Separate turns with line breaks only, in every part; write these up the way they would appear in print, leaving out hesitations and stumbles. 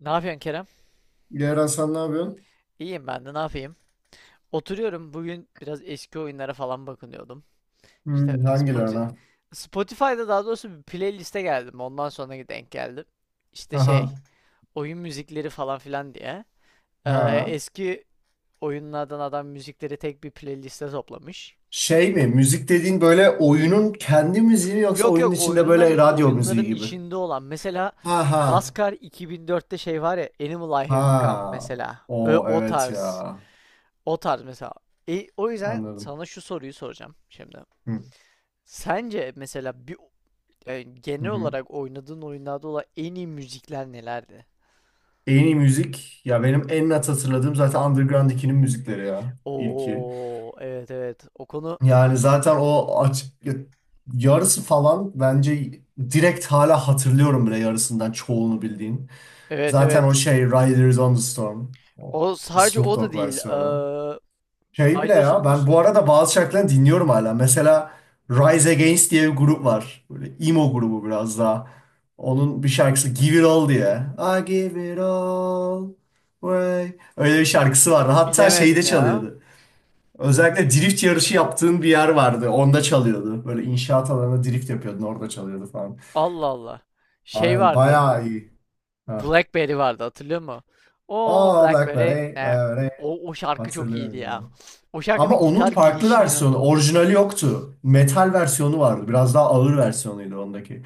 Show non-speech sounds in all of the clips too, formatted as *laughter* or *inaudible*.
Ne yapıyorsun Kerem?
Diğer Hasan, ne yapıyorsun?
İyiyim ben de ne yapayım? Oturuyorum. Bugün biraz eski oyunlara falan bakınıyordum. İşte
Hmm, hangilerine?
Spotify'da daha doğrusu bir playliste geldim. Ondan sonra denk geldim. İşte şey,
Aha.
oyun müzikleri falan filan diye. Ee,
Ha.
Eski oyunlardan adam müzikleri tek bir playliste toplamış.
Şey mi? Müzik dediğin böyle oyunun kendi müziği mi yoksa
Yok,
oyunun
yok,
içinde böyle
oyunların
radyo müziği gibi?
içinde olan mesela
Ha ha.
NASCAR 2004'te şey var ya, Animal I Have Become
Ha.
mesela.
O
O
evet
tarz.
ya.
O tarz mesela. O yüzden
Anladım.
sana şu soruyu soracağım şimdi.
Hı,
Sence mesela bir
hı
genel
hı.
olarak oynadığın oyunlarda olan en iyi müzikler nelerdi?
En iyi müzik ya, benim en net hatırladığım zaten Underground 2'nin müzikleri ya. İlki.
Oo, evet, evet. O konu,
Yani zaten yarısı falan bence direkt hala hatırlıyorum bile yarısından çoğunu bildiğin.
evet,
Zaten o
evet.
şey, Riders on the Storm. O
O sadece
Snoop
o da
Dogg
değil.
versiyonu. Şey bile
Riders
ya,
on the
ben bu
Sto-
arada bazı şarkılarını dinliyorum hala. Mesela Rise Against diye bir grup var. Böyle emo grubu biraz daha. Onun bir şarkısı Give It All diye. I give it all away. Öyle bir şarkısı vardı. Hatta şeyde
Bilemedim ya.
çalıyordu. Özellikle drift yarışı yaptığın bir yer vardı. Onda çalıyordu. Böyle inşaat alanında drift yapıyordun. Orada çalıyordu falan.
Allah Allah. Şey
Aynen,
vardı.
bayağı iyi. Ha.
Blackberry vardı, hatırlıyor musun? O
Oh,
Blackberry,
Blackberry.
o şarkı çok iyiydi
Hatırlıyorum
ya.
abi.
O
Ama
şarkının
onun
gitar
farklı
girişi
versiyonu,
inanılmaz.
orijinali yoktu. Metal versiyonu vardı. Biraz daha ağır versiyonuydu ondaki.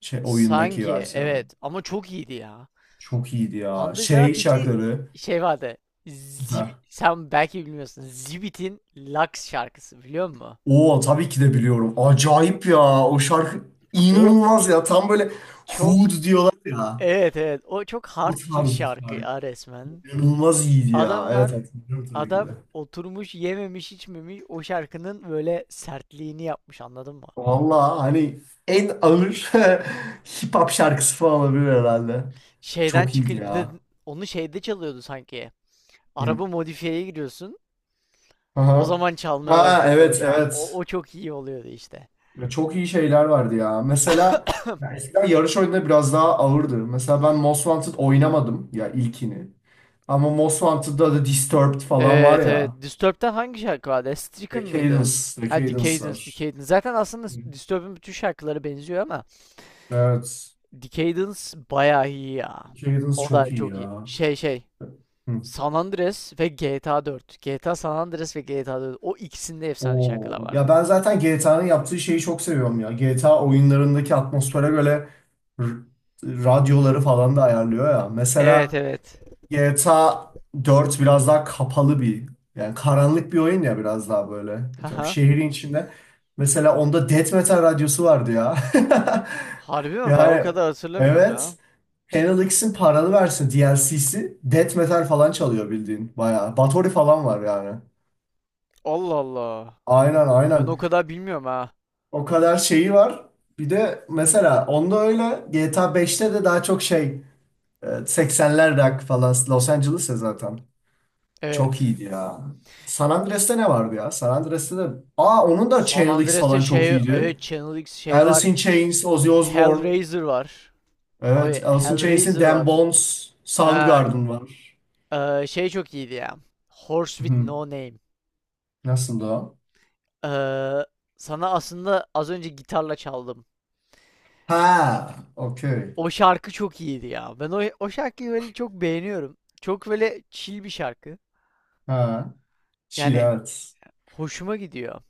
Şey, oyundaki
Sanki
versiyonu.
evet, ama çok iyiydi ya.
Çok iyiydi ya. Şey
Underground 2
şarkıları.
şey vardı.
Ha.
Sen belki bilmiyorsun. Zibit'in Lux şarkısı biliyor musun?
Oo, tabii ki de biliyorum. Acayip ya. O şarkı
O
inanılmaz ya. Tam böyle
çok
Hood diyorlar ya.
Evet, evet, o çok hard
Bu
bir
tarz bir
şarkı
şarkı.
ya resmen.
İnanılmaz iyiydi ya.
Adamlar,
Evet, hatırlıyorum tabii ki
adam
de.
oturmuş yememiş içmemiş o şarkının böyle sertliğini yapmış, anladın mı?
Valla hani en ağır *laughs* hip hop şarkısı falan olabilir herhalde.
Şeyden
Çok iyiydi
çıkınca bir de
ya.
onu şeyde çalıyordu sanki.
Hı.
Araba modifiyeye giriyorsun. O
Aha.
zaman çalmaya
Ha,
başladı o
evet
şarkı. O,
evet.
o çok iyi oluyordu işte.
Ya çok iyi şeyler vardı ya. Mesela ya eskiden yarış oyunları biraz daha ağırdı. Mesela ben Most Wanted oynamadım ya, ilkini. Ama Most Wanted'da da Disturbed falan var
Evet evet.
ya.
Disturbed'den hangi şarkı vardı? Stricken mıydı?
Decadence,
Ha,
Decadence
Decadence,
var.
Decadence. Zaten aslında
Hı.
Disturbed'in bütün şarkıları benziyor ama
Evet.
Decadence bayağı iyi ya.
Decadence
O da
çok iyi
çok iyi.
ya. Hı.
San Andreas ve GTA 4. GTA San Andreas ve GTA 4. O ikisinde efsane şarkılar
Oo.
var.
Ya ben zaten GTA'nın yaptığı şeyi çok seviyorum ya. GTA oyunlarındaki atmosfere göre r- radyoları falan da ayarlıyor ya.
Evet
Mesela
evet.
GTA dört biraz daha kapalı bir, yani karanlık bir oyun ya, biraz daha böyle. Diyorum,
Haha.
şehrin içinde. Mesela onda Death Metal radyosu vardı ya.
Harbi
*laughs*
mi? Ben o
Yani
kadar hatırlamıyorum
evet.
ya.
Channel X'in paralı versin DLC'si Death Metal falan çalıyor bildiğin, bayağı. Bathory falan var yani.
Allah Allah.
Aynen
Ben
aynen.
o kadar bilmiyorum ha.
O kadar şeyi var. Bir de mesela onda öyle, GTA beşte de daha çok şey, 80'ler rock falan Los Angeles'e zaten. Çok
Evet.
iyiydi ya. San Andreas'te ne vardı ya? San Andreas'te de... Aa, onun da
San
Chainlix
Andreas'te
falan çok
şey,
iyiydi.
evet, Channel X şey var.
Alice in Chains, Ozzy Osbourne.
Hellraiser var.
Evet,
Abi
Alice in Chains'in
Hellraiser
Damn
var.
Bones,
Ha,
Soundgarden var.
şey çok iyiydi ya. Horse with
Hı.
No Name.
Nasıldı o?
E, Sana aslında az önce gitarla çaldım.
Ha, okey.
O şarkı çok iyiydi ya. Ben o şarkıyı böyle çok beğeniyorum. Çok böyle chill bir şarkı.
Ha, Şir,
Yani
evet.
hoşuma gidiyor.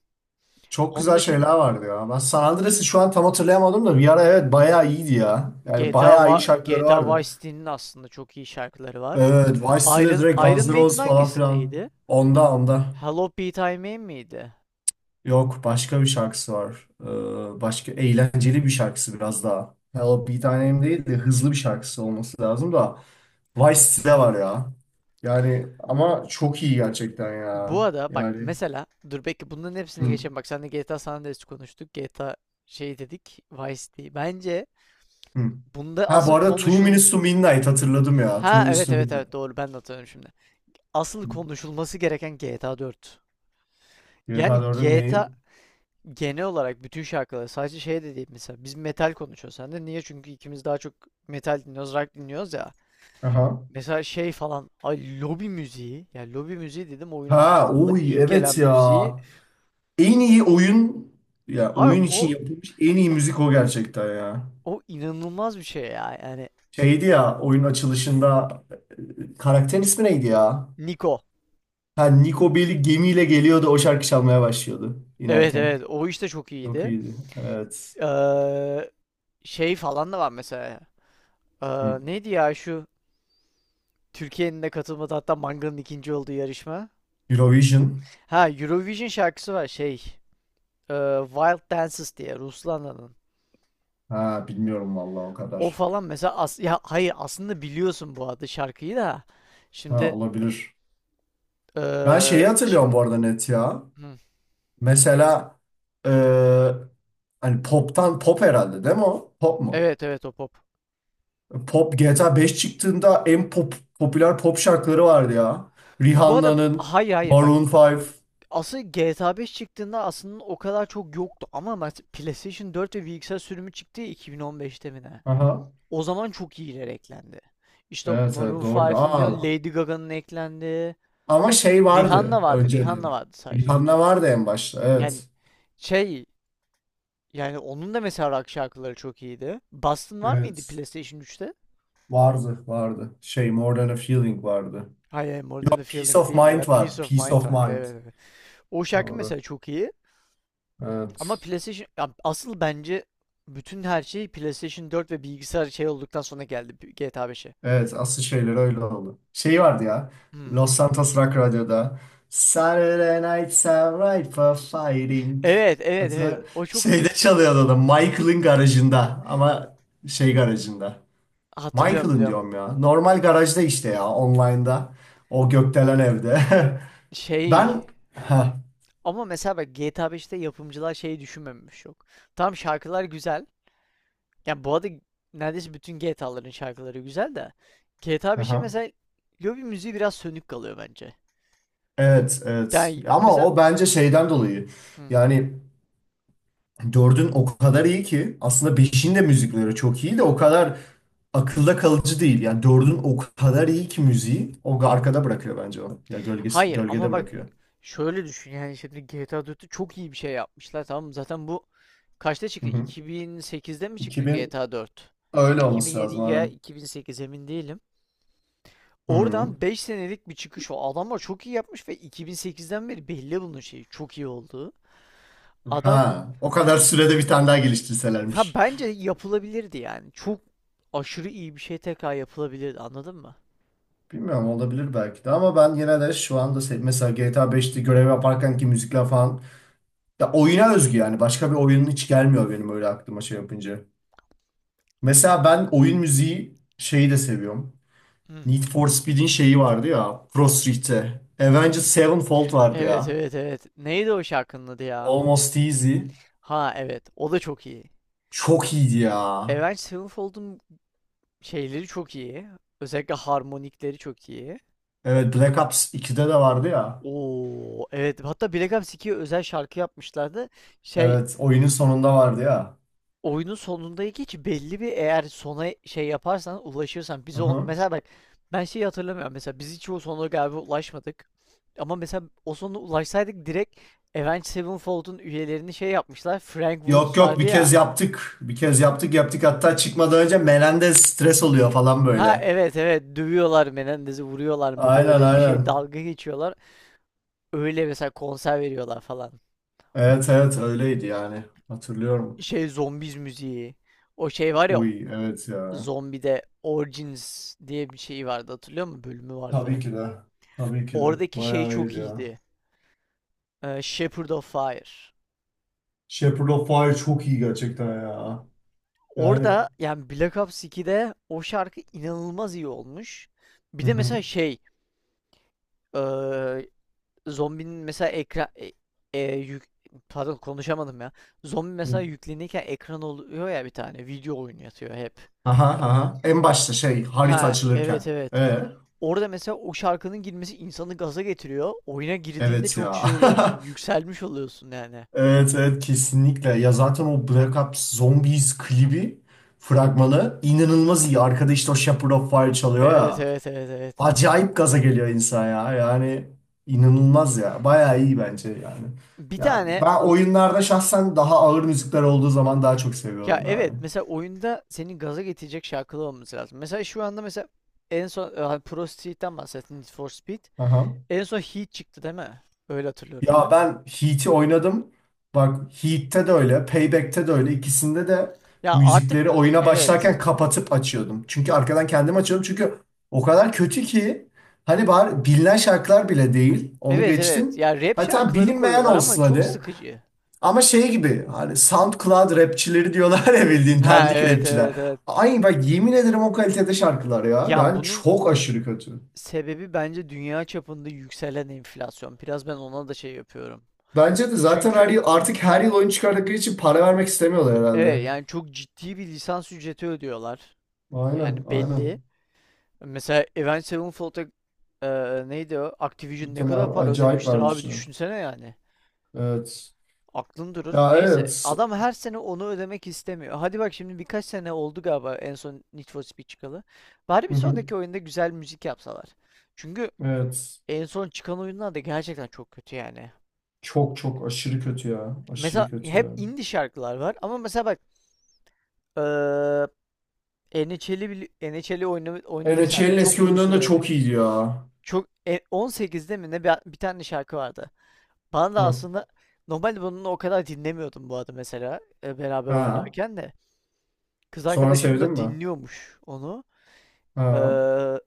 Çok
Onun
güzel şeyler
dışında
vardı ya. Ben San Andreas'ı şu an tam hatırlayamadım da, bir ara evet, bayağı iyiydi ya. Yani
GTA,
bayağı iyi
Va-
şarkıları
GTA
vardı.
Vice City'nin aslında çok iyi şarkıları var.
Evet, Vice City'de
Iron,
direkt
Iron
Guns N'
Maiden
Roses falan filan.
hangisindeydi?
Onda onda.
Hello Pete I Mame miydi?
Yok, başka bir şarkısı var. Başka eğlenceli bir şarkısı biraz daha. Hello bir tanem değil de, hızlı bir şarkısı olması lazım da. Vice City var ya. Yani ama çok iyi gerçekten
Bu
ya.
arada bak
Yani.
mesela dur, belki bunların hepsini
Hı,
geçelim. Bak sen de GTA San Andreas konuştuk. GTA şey dedik. Vice City. Bence
hı.
bunda
Ha, bu
asıl
arada Two
konuşul...
Minutes to Midnight hatırladım ya. Two
Ha
Minutes
evet
to
evet
Midnight.
evet, doğru, ben de hatırlıyorum şimdi. Asıl
Hı.
konuşulması gereken GTA 4.
GTA
Yani
4'ün
GTA
neyi?
genel olarak bütün şarkıları sadece şey de değil mesela. Biz metal konuşuyoruz sen de. Niye? Çünkü ikimiz daha çok metal dinliyoruz, rock dinliyoruz ya.
Aha.
Mesela şey falan. Ay, lobi müziği. Yani lobi müziği dedim, oyunu
Ha
açtığımda
oy,
ilk gelen
evet ya.
müziği.
En iyi oyun, ya
Ay,
oyun için
o
yapılmış en iyi müzik o gerçekten ya.
O inanılmaz bir şey ya. Yani
Şeydi ya, oyunun açılışında, karakterin ismi neydi ya?
Niko.
Ha, Niko Bellic gemiyle geliyordu, o şarkı çalmaya başlıyordu
Evet
inerken.
evet, o işte çok
Çok
iyiydi.
iyiydi. Evet.
Ee, Şey falan da var mesela.
Hı.
Neydi ya şu Türkiye'nin de katılmadığı, hatta Manga'nın ikinci olduğu yarışma.
Eurovision.
Ha, Eurovision şarkısı var şey. e, Wild Dances diye Ruslana'nın.
Ha, bilmiyorum vallahi o
O
kadar.
falan mesela, ya hayır, aslında biliyorsun bu adı şarkıyı da.
Ha,
Şimdi
olabilir. Ben şeyi
e, çık.
hatırlıyorum bu arada, net ya.
Hı.
Mesela, e, hani pop'tan, pop herhalde değil mi o? Pop mu?
Evet evet, o pop.
Pop, GTA 5 çıktığında en pop, popüler pop şarkıları vardı ya.
Bu arada
Rihanna'nın,
hayır, hayır, bak,
Maroon 5.
asıl GTA 5 çıktığında aslında o kadar çok yoktu ama PlayStation 4 ve bilgisayar sürümü çıktı ya, 2015'te mi ne?
Aha.
O zaman çok iyiler eklendi. İşte o
Evet, evet
Maroon
doğru.
5'ın diyorsun,
Aa,
Lady Gaga'nın eklendi.
ama şey
Rihanna
vardı
vardı, Rihanna
önceden.
vardı sadece.
Rihanna vardı en başta.
Yani
Evet.
şey, yani onun da mesela rock şarkıları çok iyiydi. Boston var mıydı
Evet.
PlayStation üçte?
Vardı, vardı. Şey, More Than a Feeling vardı.
Hayır, More Than a
Yok, Peace
Feeling
of
değil ya.
Mind var,
Peace of
Peace
Mind
of
vardı.
Mind.
Evet, evet. O şarkı
Doğru.
mesela çok iyi. Ama
Evet.
PlayStation, ya asıl bence bütün her şey PlayStation 4 ve bilgisayar şey olduktan sonra geldi bu GTA 5'e.
Evet, asıl şeyler öyle oldu. Şey vardı ya.
Hmm.
Los Santos Rock Radyo'da. Saturday nights are ripe for fighting.
Evet, evet,
Hatta
evet. O çok
şeyde çalıyordu da, Michael'ın garajında ama, şey garajında.
hatırlıyorum,
Michael'ın
biliyorum.
diyorum ya. Normal garajda işte, ya online'da. O gökdelen evde. *laughs*
Şey,
Ben, ha,
ama mesela bak GTA beşte yapımcılar şeyi düşünmemiş yok. Tam şarkılar güzel. Yani bu arada neredeyse bütün GTA'ların şarkıları güzel de GTA 5'in
aha.
mesela lobi müziği biraz sönük kalıyor bence.
Evet, evet.
Yani
Ama
mesela,
o bence şeyden dolayı. Yani dördün o kadar iyi ki, aslında beşin de müzikleri çok iyi de, o kadar akılda kalıcı değil. Yani dördün o kadar iyi ki müziği, o arkada bırakıyor bence onu. Ya gölgesi,
hayır,
gölgede
ama bak
bırakıyor.
şöyle düşün yani, şimdi GTA 4'te çok iyi bir şey yapmışlar, tamam mı? Zaten bu kaçta
Hı
çıktı?
hı.
2008'de mi çıktı
2000,
GTA 4?
öyle olması
2007
lazım
ya
hanım.
2008, emin değilim.
Hı hı.
Oradan 5 senelik bir çıkış o. Adamlar çok iyi yapmış ve 2008'den beri belli bunun şeyi çok iyi olduğu. Adam
Ha, o kadar sürede bir tane daha
ha,
geliştirselermiş.
bence yapılabilirdi yani. Çok aşırı iyi bir şey tekrar yapılabilirdi, anladın mı?
Bilmiyorum, olabilir belki de, ama ben yine de şu anda, mesela GTA 5'te görev yaparken ki müzikler falan, ya oyuna özgü yani, başka bir oyunun hiç gelmiyor benim öyle aklıma şey yapınca. Mesela ben oyun müziği şeyi de seviyorum.
Hı.
Need for Speed'in şeyi vardı ya, Pro Street'te. Avenged Sevenfold vardı
Evet
ya.
evet evet. Neydi o şarkının adı ya?
Almost Easy.
Ha evet, o da çok iyi.
Çok iyiydi ya.
Avenged Sevenfold'un şeyleri çok iyi. Özellikle harmonikleri çok iyi.
Evet, Black Ops 2'de de vardı ya.
Oo evet, hatta Black Ops 2'ye özel şarkı yapmışlardı. Şey,
Evet, oyunun sonunda vardı ya.
oyunun sonundaki hiç belli bir, eğer sona şey yaparsan ulaşırsan, biz o
Aha.
mesela bak, ben şeyi hatırlamıyorum mesela, biz hiç o sona galiba ulaşmadık. Ama mesela o sona ulaşsaydık direkt Avenged Sevenfold'un üyelerini şey yapmışlar. Frank
Yok
Woods
yok,
vardı
bir kez
ya.
yaptık. Bir kez yaptık, hatta çıkmadan önce Melendez stres oluyor falan
Ha
böyle.
evet evet, dövüyorlar Menendez'i, vuruyorlar mıydı,
Aynen
öyle bir şey,
aynen.
dalga geçiyorlar. Öyle mesela konser veriyorlar falan.
Evet evet, öyleydi yani. Hatırlıyorum.
Şey zombiz müziği. O şey var ya,
Uy, evet ya.
zombide Origins diye bir şey vardı, hatırlıyor musun? Bölümü
Tabii
vardı.
ki de. Tabii ki de.
Oradaki şey
Bayağı iyiydi
çok
ya.
iyiydi. Shepherd of Fire.
Shepherd of Fire çok iyi gerçekten ya. Yani.
Orada yani Black Ops 2'de o şarkı inanılmaz iyi olmuş. Bir
Hı
de mesela
hı.
şey eee, zombinin mesela ekran e, yük- pardon konuşamadım ya. Zombi mesela yüklenirken ekran oluyor ya, bir tane video oyunu oynatıyor hep.
Aha aha. En başta şey, harita
Ha
açılırken.
evet evet.
Ee,
Orada mesela o şarkının girmesi insanı gaza getiriyor. Oyuna girdiğinde
evet
çok
ya.
şey oluyorsun.
*laughs*
Yükselmiş oluyorsun yani.
Evet evet, kesinlikle. Ya zaten o Black Ops Zombies klibi, fragmanı inanılmaz iyi. Arkada işte o Shepherd of Fire çalıyor
Evet
ya.
evet evet evet.
Acayip gaza geliyor insan ya. Yani inanılmaz ya. Bayağı iyi bence yani.
Bir
Ya
tane
ben
o
oyunlarda şahsen daha ağır müzikler olduğu zaman daha çok
Ya
seviyordum yani.
evet, mesela oyunda senin gaza getirecek şarkılar olması lazım. Mesela şu anda mesela en son hani Pro Street'ten bahsettin, Need for Speed.
Aha.
En son Heat çıktı değil mi? Öyle hatırlıyorum
Ya
ben.
ben Heat'i oynadım. Bak Heat'te de öyle, Payback'te de öyle. İkisinde de
Ya artık
müzikleri oyuna başlarken
evet.
kapatıp açıyordum. Çünkü arkadan kendim açıyordum. Çünkü o kadar kötü ki, hani bari bilinen şarkılar bile değil. Onu
Evet evet.
geçtim.
Ya rap
Hatta
şarkıları
bilinmeyen
koyuyorlar ama
olsun
çok
hani.
sıkıcı.
Ama şey gibi, hani SoundCloud rapçileri diyorlar ya, bildiğin
Ha
dandik
evet
rapçiler.
evet evet.
Ay bak, yemin ederim o kalitede şarkılar ya.
Ya
Yani
bunun
çok aşırı kötü.
sebebi bence dünya çapında yükselen enflasyon. Biraz ben ona da şey yapıyorum.
Bence de zaten
Çünkü
her yıl, artık her yıl oyun çıkardıkları için para vermek istemiyorlar
evet,
herhalde.
yani çok ciddi bir lisans ücreti ödüyorlar. Yani
Aynen,
belli.
aynen.
Mesela Avenged Sevenfold'a e, neydi o? Activision ne kadar
Muhtemelen
para
acayip
ödemiştir abi,
vermişler.
düşünsene yani.
Evet.
Aklın durur.
Ya
Neyse.
evet.
Adam her sene onu ödemek istemiyor. Hadi bak, şimdi birkaç sene oldu galiba en son Need for Speed çıkalı. Bari
Hı
bir
hı.
sonraki oyunda güzel müzik yapsalar. Çünkü
Evet.
en son çıkan oyunlar da gerçekten çok kötü yani.
Çok çok aşırı kötü ya.
Mesela
Aşırı kötü
hep
ya.
indie şarkılar var ama mesela bak eee NHL'i oynadık seninle.
NHL'in
Çok
eski
uzun
oyunları
süre
da
oynadık.
çok iyiydi ya.
Çok 18'de mi ne bir tane şarkı vardı. Bana da
Hı.
aslında normalde bunu o kadar dinlemiyordum bu arada mesela beraber
Ha.
oynarken de. Kız
Sonra
arkadaşım
sevdin
da
mi?
dinliyormuş onu.
Ha.
Eee,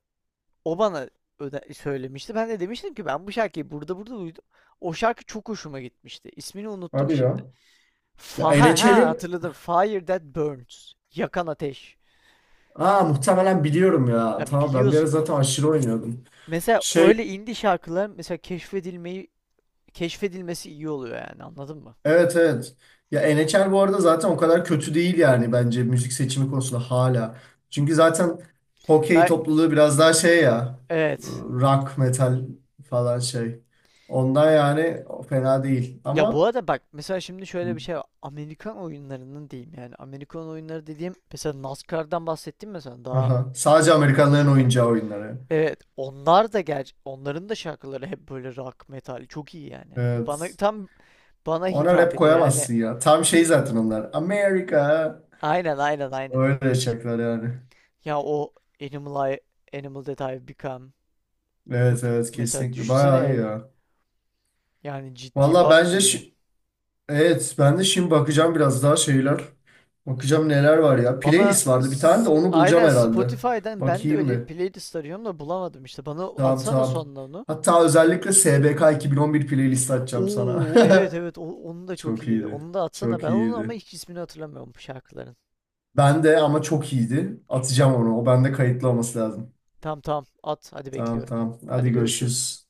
O bana söylemişti. Ben de demiştim ki ben bu şarkıyı burada burada duydum. O şarkı çok hoşuma gitmişti. İsmini unuttum
Hadi
şimdi.
ya. Ya
Ha, ha,
NHL'in,
hatırladım. Fire that burns. Yakan ateş.
ha muhtemelen biliyorum ya.
Yani
Tamam, ben bir ara
biliyorsun.
zaten aşırı oynuyordum.
Mesela
Şey,
öyle indie şarkılar mesela keşfedilmeyi keşfedilmesi iyi oluyor yani, anladın mı?
evet evet. Ya NHR bu arada zaten o kadar kötü değil yani bence, müzik seçimi konusunda hala. Çünkü zaten hokey
Ben
topluluğu biraz daha şey ya,
evet.
rock metal falan şey. Ondan yani, o fena değil
Ya bu
ama,
arada bak mesela şimdi şöyle bir şey var. Amerikan oyunlarının diyeyim, yani Amerikan oyunları dediğim, mesela NASCAR'dan bahsettim mesela daha
aha, sadece
ilk
Amerikanların
konuşurken.
oyuncağı oyunları.
Evet, onlar da onların da şarkıları hep böyle rock metal çok iyi yani. Bana
Evet.
tam bana
Ona rap
hitap ediyor yani,
koyamazsın ya. Tam şey zaten onlar. Amerika.
aynen, aynen, aynen.
Öyle şarkılar yani.
Ya o Animal I Animal That I've Become.
Evet evet,
Mesela
kesinlikle.
düşünsene
Bayağı iyi
yani.
ya.
Yani ciddi
Valla bence şu,
iyi.
evet, ben de şimdi bakacağım biraz daha şeyler. Bakacağım neler var ya. Playlist vardı bir tane de, onu bulacağım
Aynen,
herhalde.
Spotify'dan ben de
Bakayım
öyle bir
bir.
playlist arıyorum da bulamadım işte. Bana
Tamam
atsana
tamam.
sonuna onu.
Hatta özellikle SBK 2011 playlist açacağım sana.
Oo evet
*laughs*
evet, onu da çok
Çok
iyiydi.
iyiydi.
Onu da atsana.
Çok
Ben onun ama
iyiydi.
hiç ismini hatırlamıyorum bu şarkıların.
Ben de, ama çok iyiydi. Atacağım onu. O bende kayıtlı olması lazım.
Tamam tamam at, hadi
Tamam
bekliyorum.
tamam. Hadi
Hadi görüşürüz.
görüşürüz.